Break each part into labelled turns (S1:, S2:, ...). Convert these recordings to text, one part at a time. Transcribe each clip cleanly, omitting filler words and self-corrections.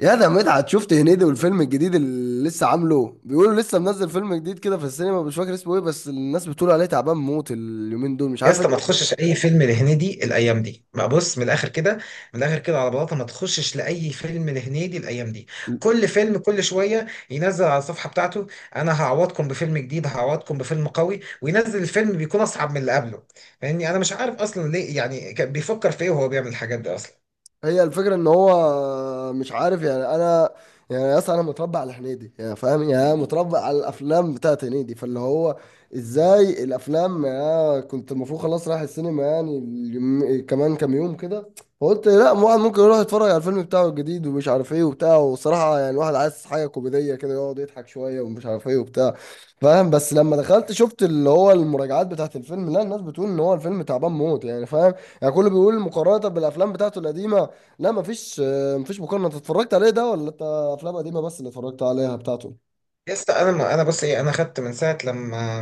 S1: يا ده مدحت، شفت هنيدي والفيلم الجديد اللي لسه عامله؟ بيقولوا لسه منزل فيلم جديد كده في السينما، مش فاكر اسمه ايه، بس الناس بتقول عليه تعبان موت اليومين دول، مش
S2: يا
S1: عارف إيه.
S2: اسطى، ما تخشش اي فيلم لهنيدي الايام دي بقى. بص من الاخر كده، من الاخر كده على بلاطه، ما تخشش لاي فيلم لهنيدي الايام دي. كل فيلم كل شويه ينزل على الصفحه بتاعته: انا هعوضكم بفيلم جديد، هعوضكم بفيلم قوي، وينزل الفيلم بيكون اصعب من اللي قبله. فاهمني؟ انا مش عارف اصلا ليه، يعني كان بيفكر في ايه وهو بيعمل الحاجات دي اصلا؟
S1: هي الفكرة ان هو مش عارف، يعني انا يعني يا اسطى انا متربى على هنيدي، يعني فاهم، يعني أنا متربى على الافلام بتاعت هنيدي، فاللي هو ازاي الافلام، يعني كنت المفروض خلاص رايح السينما يعني كمان كام يوم كده، فقلت لا واحد ممكن يروح يتفرج على الفيلم بتاعه الجديد ومش عارف ايه وبتاع. وصراحة يعني الواحد عايز حاجة كوميدية كده، يقعد يضحك شوية ومش عارف ايه وبتاع، فاهم. بس لما دخلت شفت اللي هو المراجعات بتاعت الفيلم، لا الناس بتقول ان هو الفيلم تعبان موت، يعني فاهم، يعني كله بيقول مقارنة بالافلام بتاعته القديمة. لا مفيش مفيش مقارنة. انت اتفرجت عليه ده، ولا انت افلام قديمة بس اللي اتفرجت عليها بتاعته؟
S2: يا اسطى انا، ما انا بص ايه، انا خدت من ساعه لما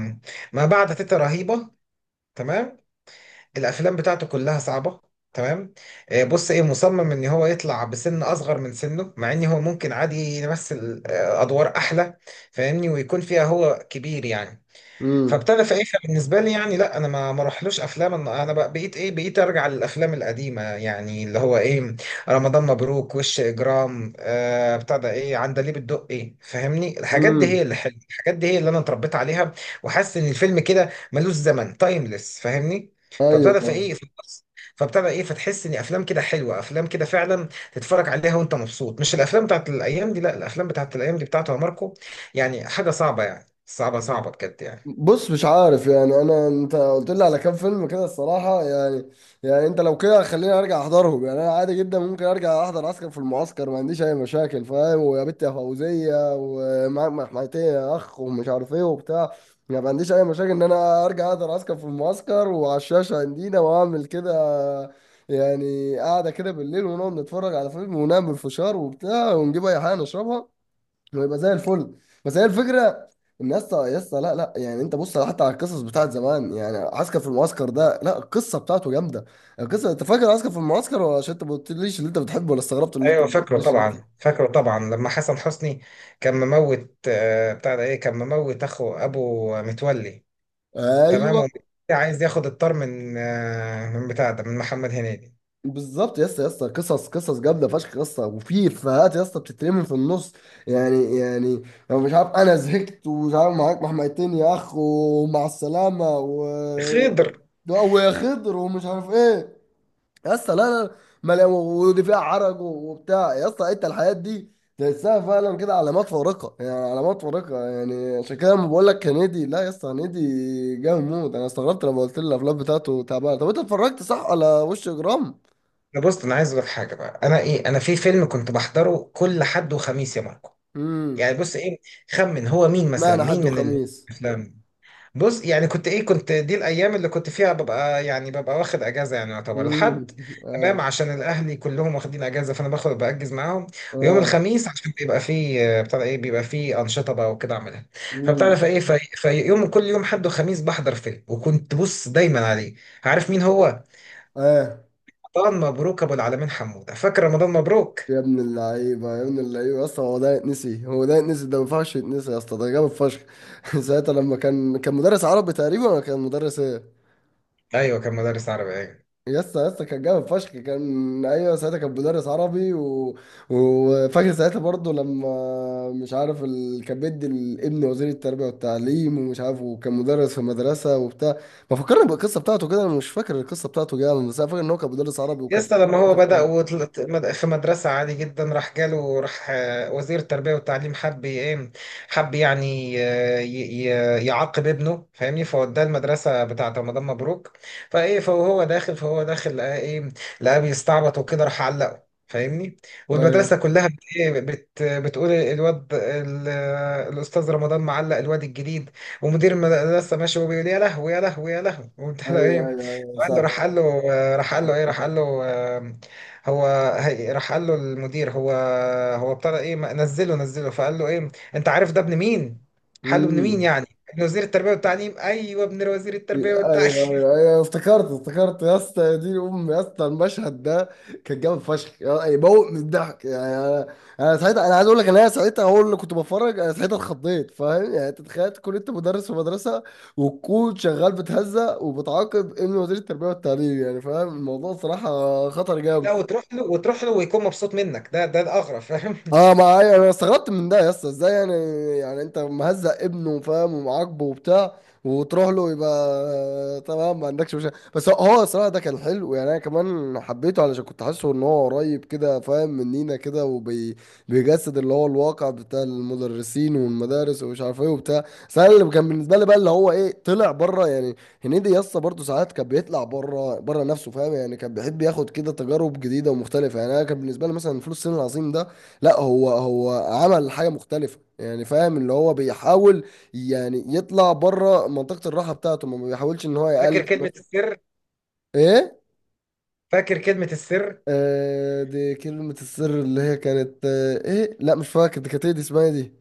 S2: ما بعد تيتا رهيبه، تمام. الافلام بتاعته كلها صعبه، تمام. بص ايه، مصمم ان هو يطلع بسن اصغر من سنه، مع ان هو ممكن عادي يمثل ادوار احلى، فاهمني؟ ويكون فيها هو كبير يعني.
S1: امم.
S2: فابتدى في ايه بالنسبه لي يعني، لا انا ما راحلوش افلام. انا بقى بقيت ايه، بقيت ارجع للافلام القديمه يعني، اللي هو ايه: رمضان مبروك، وش اجرام، بتاع ده ايه، عندليب الدقي. فاهمني؟ الحاجات دي
S1: امم.
S2: هي اللي حلوه، الحاجات دي هي اللي انا اتربيت عليها، وحاسس ان الفيلم كده ملوش زمن، تايمليس، فاهمني؟ فابتدى في
S1: ايوه.
S2: ايه، فابتدى ايه، فتحس ان افلام كده حلوه، افلام كده فعلا تتفرج عليها وانت مبسوط، مش الافلام بتاعت الايام دي. لا، الافلام بتاعت الايام دي بتاعته يا ماركو، يعني حاجه صعبه يعني، صعبه صعبه بجد يعني.
S1: بص مش عارف يعني انا، انت قلت لي على كام فيلم كده الصراحه، يعني يعني انت لو كده خليني ارجع احضرهم. يعني انا عادي جدا ممكن ارجع احضر عسكر في المعسكر، ما عنديش اي مشاكل فاهم، ويا بنت يا فوزيه، ومعاك محميتين يا اخ، ومش عارف ايه وبتاع. يعني ما عنديش اي مشاكل ان انا ارجع احضر عسكر في المعسكر، وعلى الشاشه عندنا واعمل كده. يعني قاعده كده بالليل، ونقعد نتفرج على فيلم، ونعمل فشار وبتاع، ونجيب اي حاجه نشربها، ويبقى زي الفل. بس هي الفكره، ان يا اسطى يا اسطى لا يعني انت بص، حتى على القصص بتاعت زمان، يعني عسكر في المعسكر ده، لا القصه بتاعته جامده. القصه، انت فاكر عسكر في المعسكر؟ ولا عشان انت ما قلتليش اللي انت بتحبه، ولا استغربت اللي انت
S2: ايوه
S1: ما
S2: فاكره
S1: قلتليش اللي انت.
S2: طبعا، فاكره طبعا. لما حسن حسني كان مموت بتاع ده ايه، كان مموت اخو ابو متولي، تمام.
S1: ايوه
S2: ومتولي عايز ياخد الطار من من بتاع ده، من محمد هنيدي،
S1: بالظبط يا اسطى يا اسطى، قصص قصص جامده فشخ يا اسطى، وفي افيهات يا اسطى بتترمي في النص، يعني يعني لو مش عارف انا زهقت ومش عارف، معاك محميتين يا اخ، ومع السلامه
S2: خضر.
S1: ويا خضر ومش عارف ايه. يا اسطى لا ما لا- ودي فيها عرج وبتاع، يا اسطى انت الحاجات دي تحسها فعلا كده علامات فارقه، يعني علامات فارقه، يعني عشان كده لما بقول لك هنيدي، لا يا اسطى هنيدي جامد موت. انا استغربت لما قلت لي الافلام بتاعته تعبانه. طب انت اتفرجت صح على وش اجرام؟
S2: ده بص، انا عايز اقول لك حاجه بقى، انا ايه، انا في فيلم كنت بحضره كل حد وخميس يا ماركو.
S1: امم.
S2: يعني بص ايه، خمن هو مين مثلا،
S1: معنى
S2: مين
S1: حد
S2: من
S1: وخميس؟
S2: الافلام؟ بص يعني كنت ايه، كنت دي الايام اللي كنت فيها ببقى يعني، ببقى واخد اجازه يعني، يعتبر
S1: امم.
S2: الحد، تمام،
S1: اه.
S2: عشان الاهلي كلهم واخدين اجازه فانا باخد باجز معاهم. ويوم
S1: اه.
S2: الخميس عشان بيبقى فيه بتاع ده ايه، بيبقى فيه انشطه بقى وكده اعملها.
S1: امم.
S2: فبتعرف ايه، في يوم، كل يوم حد وخميس بحضر فيلم، وكنت بص دايما عليه. عارف مين هو؟
S1: اه.
S2: رمضان مبروك، ابو العالمين حموده. فاكر رمضان مبروك؟
S1: يا ابن اللعيبة يا ابن اللعيبة يا اسطى، هو ده يتنسي؟ هو ده يتنسي؟ ده ما ينفعش يتنسي يا اسطى، ده جامد فشخ. ساعتها لما كان، كان مدرس عربي تقريبا، ولا كان مدرس ايه؟
S2: ايوه كان مدرس عربي، ايوه.
S1: يا اسطى يا اسطى كان جامد فشخ، كان ايوه ساعتها كان مدرس عربي وفاكر ساعتها برضه لما مش عارف كان بيدي الابن وزير التربية والتعليم ومش عارف، وكان مدرس في مدرسة وبتاع. ما فكرني بالقصة بتاعته كده، انا مش فاكر القصة بتاعته جامد، بس انا فاكر ان هو كان مدرس عربي،
S2: يا
S1: وكان في.
S2: اسطى، لما هو بدأ في مدرسة عادي جدا، راح جاله، راح وزير التربية والتعليم، حب ايه، حب يعني، يعاقب ابنه فاهمني، فوداه المدرسة بتاعة رمضان مبروك. فايه، فهو داخل، فهو داخل لقى ايه، لقاه بيستعبط وكده، راح علقه فاهمني.
S1: ايوه
S2: والمدرسة كلها بت إيه بت بتقول الواد الأستاذ رمضان معلق الواد الجديد. ومدير المدرسة ماشي وبيقول: يا لهوي، يا لهوي، يا لهوي، وبتاع ده
S1: ايوه
S2: ايه.
S1: ايوه
S2: قال له،
S1: صح.
S2: راح قال له راح قال له ايه، راح قال له هو، راح قال له المدير: هو ابتدى ايه نزله نزله، فقال له ايه: انت عارف ده ابن مين؟ قال له: ابن مين
S1: امم.
S2: يعني؟ ابن وزير التربيه والتعليم، ايوه ابن وزير التربيه
S1: ايوه
S2: والتعليم.
S1: ايوه ايوه، افتكرت افتكرت يا اسطى، يا دين امي يا اسطى المشهد ده كان جامد فشخ، يموت من الضحك، يعني انا انا ساعتها، انا عايز اقول لك، انا ساعتها هو اللي كنت بتفرج، انا ساعتها اتخضيت فاهم. يعني انت تخيل تكون انت مدرس في مدرسه، وتكون شغال بتهزأ وبتعاقب ابن وزير التربيه والتعليم، يعني فاهم؟ الموضوع صراحه خطر جامد.
S2: لا وتروح له، وتروح له ويكون مبسوط منك، ده الاغرب، فاهم؟
S1: اه ما انا استغربت من ده يا اسطى، ازاي يعني؟ يعني انت مهزق ابنه فاهم، ومعاقبه وبتاع، وتروح له يبقى تمام ما عندكش مشكله. بس هو هو الصراحه ده كان حلو، يعني انا كمان حبيته علشان كنت حاسه ان هو قريب كده فاهم، مننا كده، وبيجسد اللي هو الواقع بتاع المدرسين والمدارس ومش عارف ايه وبتاع. بس انا اللي كان بالنسبه لي بقى، اللي هو ايه، طلع بره يعني. هنيدي يا اسطى برضه ساعات كان بيطلع بره، بره نفسه فاهم، يعني كان بيحب ياخد كده تجارب جديده ومختلفه، يعني انا كان بالنسبه لي مثلا فلوس الصين العظيم ده، لا هو هو عمل حاجة مختلفة، يعني فاهم اللي هو بيحاول يعني يطلع بره منطقة الراحة بتاعته، ما بيحاولش ان هو
S2: فاكر
S1: يقلد
S2: كلمه
S1: مثلا.
S2: السر؟
S1: ايه؟
S2: فاكر كلمه السر؟
S1: آه دي كلمة السر، اللي هي كانت آه ايه، لا مش فاكر، دي كانت ايه، دي اسمها إيه دي؟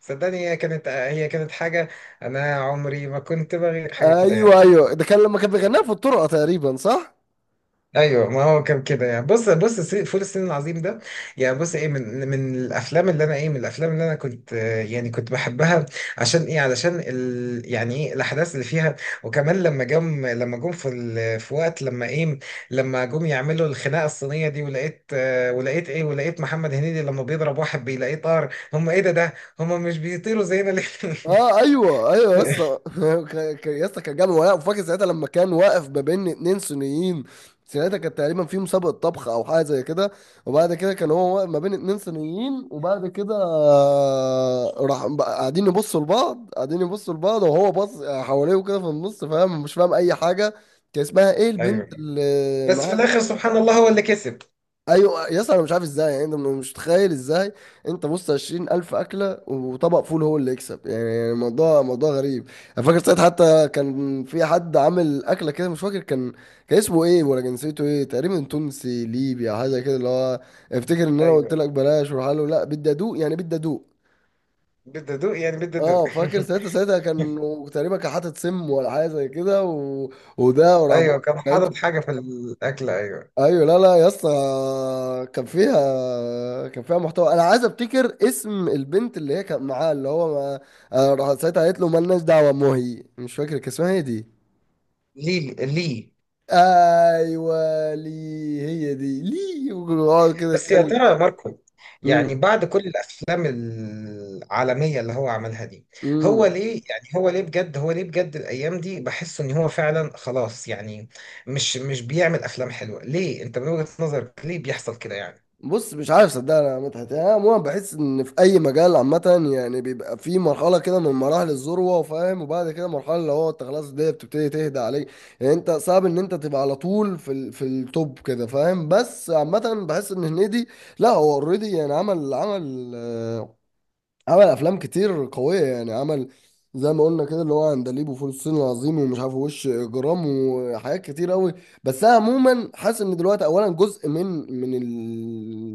S2: صدقني، هي كانت حاجه، انا عمري ما كنت بغير حاجه كده
S1: ايوه
S2: يعني.
S1: ايوه، ده كان لما كان بيغنيها في الطرقة تقريبا، صح.
S2: ايوه ما هو كان كده يعني. بص فول الصين العظيم ده، يعني بص ايه، من الافلام اللي انا ايه، من الافلام اللي انا كنت يعني كنت بحبها، عشان ايه، علشان ال، يعني ايه، الاحداث اللي فيها. وكمان لما جم، لما جم في ال، في وقت لما ايه، لما جم يعملوا الخناقه الصينيه دي، ولقيت ولقيت ايه، ولقيت محمد هنيدي لما بيضرب واحد بيلاقيه طار. هم ايه ده هم مش بيطيروا زينا ليه؟
S1: اه ايوه ايوه يا اسطى. يا اسطى كان جامد، ولا وفاكر ساعتها لما كان واقف ما بين اتنين صينيين. ساعتها كانت تقريبا في مسابقه طبخ او حاجه زي كده، وبعد كده كان هو واقف ما بين اتنين صينيين، وبعد كده راح بقى قاعدين يبصوا لبعض، قاعدين يبصوا لبعض، وهو باص حواليه وكده في النص، فاهم مش فاهم اي حاجه. كان اسمها ايه البنت
S2: ايوه
S1: اللي
S2: بس في
S1: معاها
S2: الاخر
S1: دي؟
S2: سبحان الله هو اللي كسب.
S1: ايوه يس، انا مش عارف ازاي يعني، انت مش متخيل ازاي. انت بص، 20,000 اكله وطبق فول هو اللي يكسب؟ يعني الموضوع موضوع غريب. انا فاكر ساعتها حتى كان في حد عامل اكله كده، مش فاكر كان، كان اسمه ايه، ولا جنسيته ايه تقريبا، تونسي ليبي او حاجه كده، اللي هو افتكر ان انا قلت
S2: ايوه،
S1: لك بلاش، وراح له لا بدي ادوق يعني بدي ادوق.
S2: بالدقدوق يعني، بالدقدوق.
S1: اه فاكر ساعتها، ساعتها كان تقريبا كان حاطط سم ولا حاجه زي كده وده وراح.
S2: ايوه كان حاطط حاجه في الاكل، ايوه.
S1: ايوه لا لا يا اسطى، كان فيها كان فيها محتوى. انا عايز افتكر اسم البنت اللي هي كانت معاه، اللي هو ما... أنا راح ساعتها قالت له مالناش دعوه، مهي مش فاكر كان اسمها ايه دي.
S2: ليه ليه؟
S1: ايوه لي. هي دي لي، ويقعد كده
S2: بس يا
S1: يتكلم.
S2: ترى يا ماركو، يعني بعد كل الافلام العالميه اللي هو عملها دي، هو
S1: امم.
S2: ليه يعني، هو ليه بجد، هو ليه بجد الايام دي بحس ان هو فعلا خلاص يعني، مش مش بيعمل افلام حلوه، ليه؟ انت من وجهه نظرك ليه بيحصل كده يعني؟
S1: بص مش عارف صدقني يا مدحت، يعني انا عموما بحس ان في اي مجال عامه يعني بيبقى في مرحله كده من مراحل الذروه فاهم، وبعد كده مرحله اللي هو انت خلاص الدنيا بتبتدي تهدى عليك. يعني انت صعب ان انت تبقى على طول في في التوب كده فاهم، بس عامه بحس ان هنيدي، لا هو اوريدي يعني عمل عمل افلام كتير قويه، يعني عمل زي ما قلنا كده اللي هو عندليب وفول الصين العظيم ومش عارف وش اجرام وحاجات كتير قوي. بس انا عموما حاسس ان دلوقتي اولا جزء من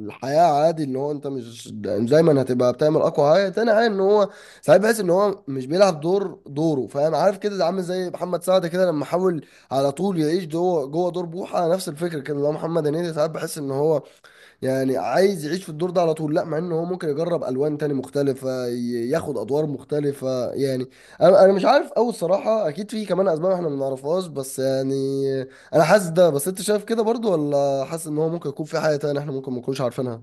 S1: الحياه عادي ان هو انت مش يعني دايما هتبقى بتعمل اقوى حاجه. تاني حاجه ان هو ساعات بحس ان هو مش بيلعب دور دوره فاهم، عارف كده، ده عامل زي محمد سعد كده لما حاول على طول يعيش جوه دور بوحه. نفس الفكره كده اللي هو محمد هنيدي ساعات بحس ان هو يعني عايز يعيش في الدور ده على طول، لا مع ان هو ممكن يجرب الوان تاني مختلفه، ياخد ادوار مختلفه يعني. انا مش عارف قوي الصراحه، اكيد في كمان اسباب احنا ما نعرفهاش، بس يعني انا حاسس ده. بس انت شايف كده برضو؟ ولا حاسس ان هو ممكن يكون في حاجه تانية احنا ممكن ما نكونش عارفينها؟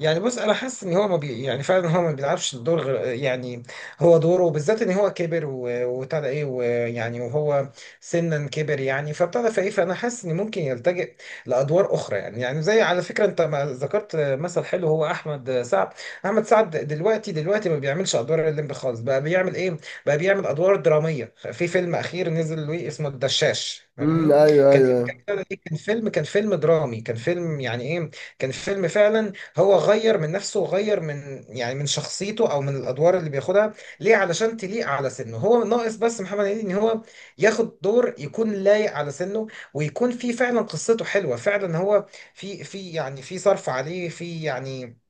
S2: يعني بص، انا حاسس ان هو ما بي، يعني فعلا هو ما بيلعبش الدور غير يعني، هو دوره بالذات ان هو كبر وابتدى ايه، ويعني وهو سنا كبر يعني، فابتدى فايه، فانا حاسس ان ممكن يلتجئ لادوار اخرى يعني زي، على فكره انت ما ذكرت مثل حلو، هو احمد سعد. احمد سعد دلوقتي ما بيعملش ادوار الليمبي خالص، بقى بيعمل ايه، بقى بيعمل ادوار دراميه في فيلم اخير نزل له اسمه الدشاش،
S1: امم.
S2: فاهمني.
S1: ايوه
S2: كان،
S1: ايوه
S2: كان فيلم، كان فيلم درامي، كان فيلم يعني ايه، كان فيلم فعلا. هو غير من نفسه، وغير من يعني من شخصيته او من الادوار اللي بياخدها، ليه، علشان تليق على سنه. هو ناقص بس محمد هنيدي ان هو ياخد دور يكون لايق على سنه، ويكون فيه فعلا قصته حلوه فعلا، هو في، في يعني، في صرف عليه، في يعني،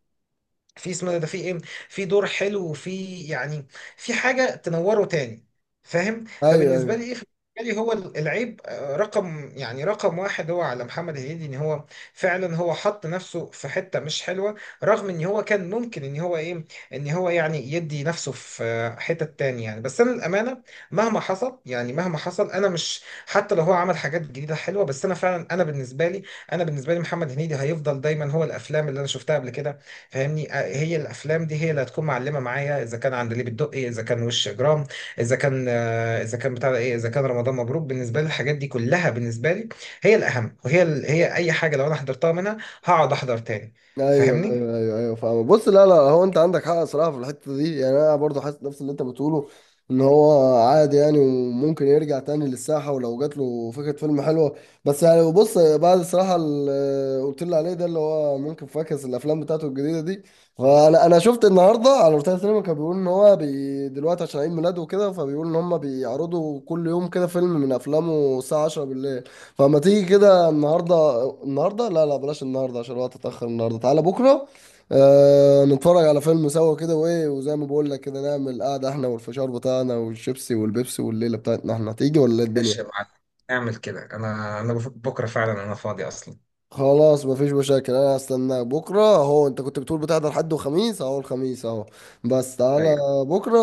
S2: في اسمه ده في ايه، في دور حلو، وفي يعني في حاجه تنوره تاني، فاهم؟
S1: ايوه
S2: فبالنسبه لي
S1: ايوه
S2: ايه، بالنسبه لي هو العيب رقم يعني رقم واحد هو على محمد هنيدي، ان هو فعلا هو حط نفسه في حته مش حلوه، رغم ان هو كان ممكن ان هو ايه، ان هو يعني يدي نفسه في حته تانية يعني. بس انا للامانه مهما حصل، يعني مهما حصل، انا مش، حتى لو هو عمل حاجات جديده حلوه، بس انا فعلا انا بالنسبه لي، انا بالنسبه لي محمد هنيدي هيفضل دايما هو الافلام اللي انا شفتها قبل كده، فاهمني؟ هي الافلام دي هي اللي هتكون معلمه معايا، اذا كان عندليب الدقي، اذا كان وش اجرام، اذا كان اذا كان بتاع ده ايه، اذا كان رمضان مبروك. بالنسبه لي الحاجات دي كلها بالنسبه لي هي الاهم، وهي هي اي حاجه لو انا حضرتها منها هقعد احضر تاني،
S1: ايوه
S2: فاهمني.
S1: ايوه ايوه ايوه فاهم. بص لا لا، هو انت عندك حق صراحه في الحته دي، يعني انا برضو حاسس نفس اللي انت بتقوله، ان هو عادي يعني، وممكن يرجع تاني للساحه ولو جات له فكره فيلم حلوه. بس يعني بص بعد الصراحه اللي قلت لي عليه ده، اللي هو ممكن فاكس الافلام بتاعته الجديده دي. فانا شفت النهارده على روتانا سينما، كان بيقول ان هو بي دلوقتي عشان عيد ميلاده وكده، فبيقول ان هم بيعرضوا كل يوم كده فيلم من افلامه الساعه 10 بالليل. فما تيجي كده النهارده؟ النهارده لا لا بلاش، النهارده عشان الوقت اتأخر، النهارده تعالى بكره. آه نتفرج على فيلم سوا كده، وايه وزي ما بقول لك كده نعمل قعده احنا والفشار بتاعنا والشيبسي والبيبسي، والليله بتاعتنا احنا هتيجي، ولا إيه الدنيا.
S2: ماشي يا معلم، اعمل كده. انا بكره فعلا انا فاضي اصلا،
S1: خلاص مفيش مشاكل، انا هستناك بكره. اهو انت كنت بتقول بتحضر حد وخميس، اهو الخميس اهو، بس تعالى
S2: ايوه.
S1: بكره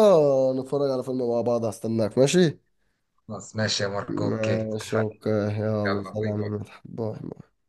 S1: نتفرج على فيلم مع بعض. هستناك، ماشي.
S2: خلاص ماشي يا ماركو، اوكي،
S1: ماشي
S2: اتفقنا.
S1: اوكي، يلا
S2: يلا باي
S1: سلام يا
S2: باي.
S1: مدحت، باي.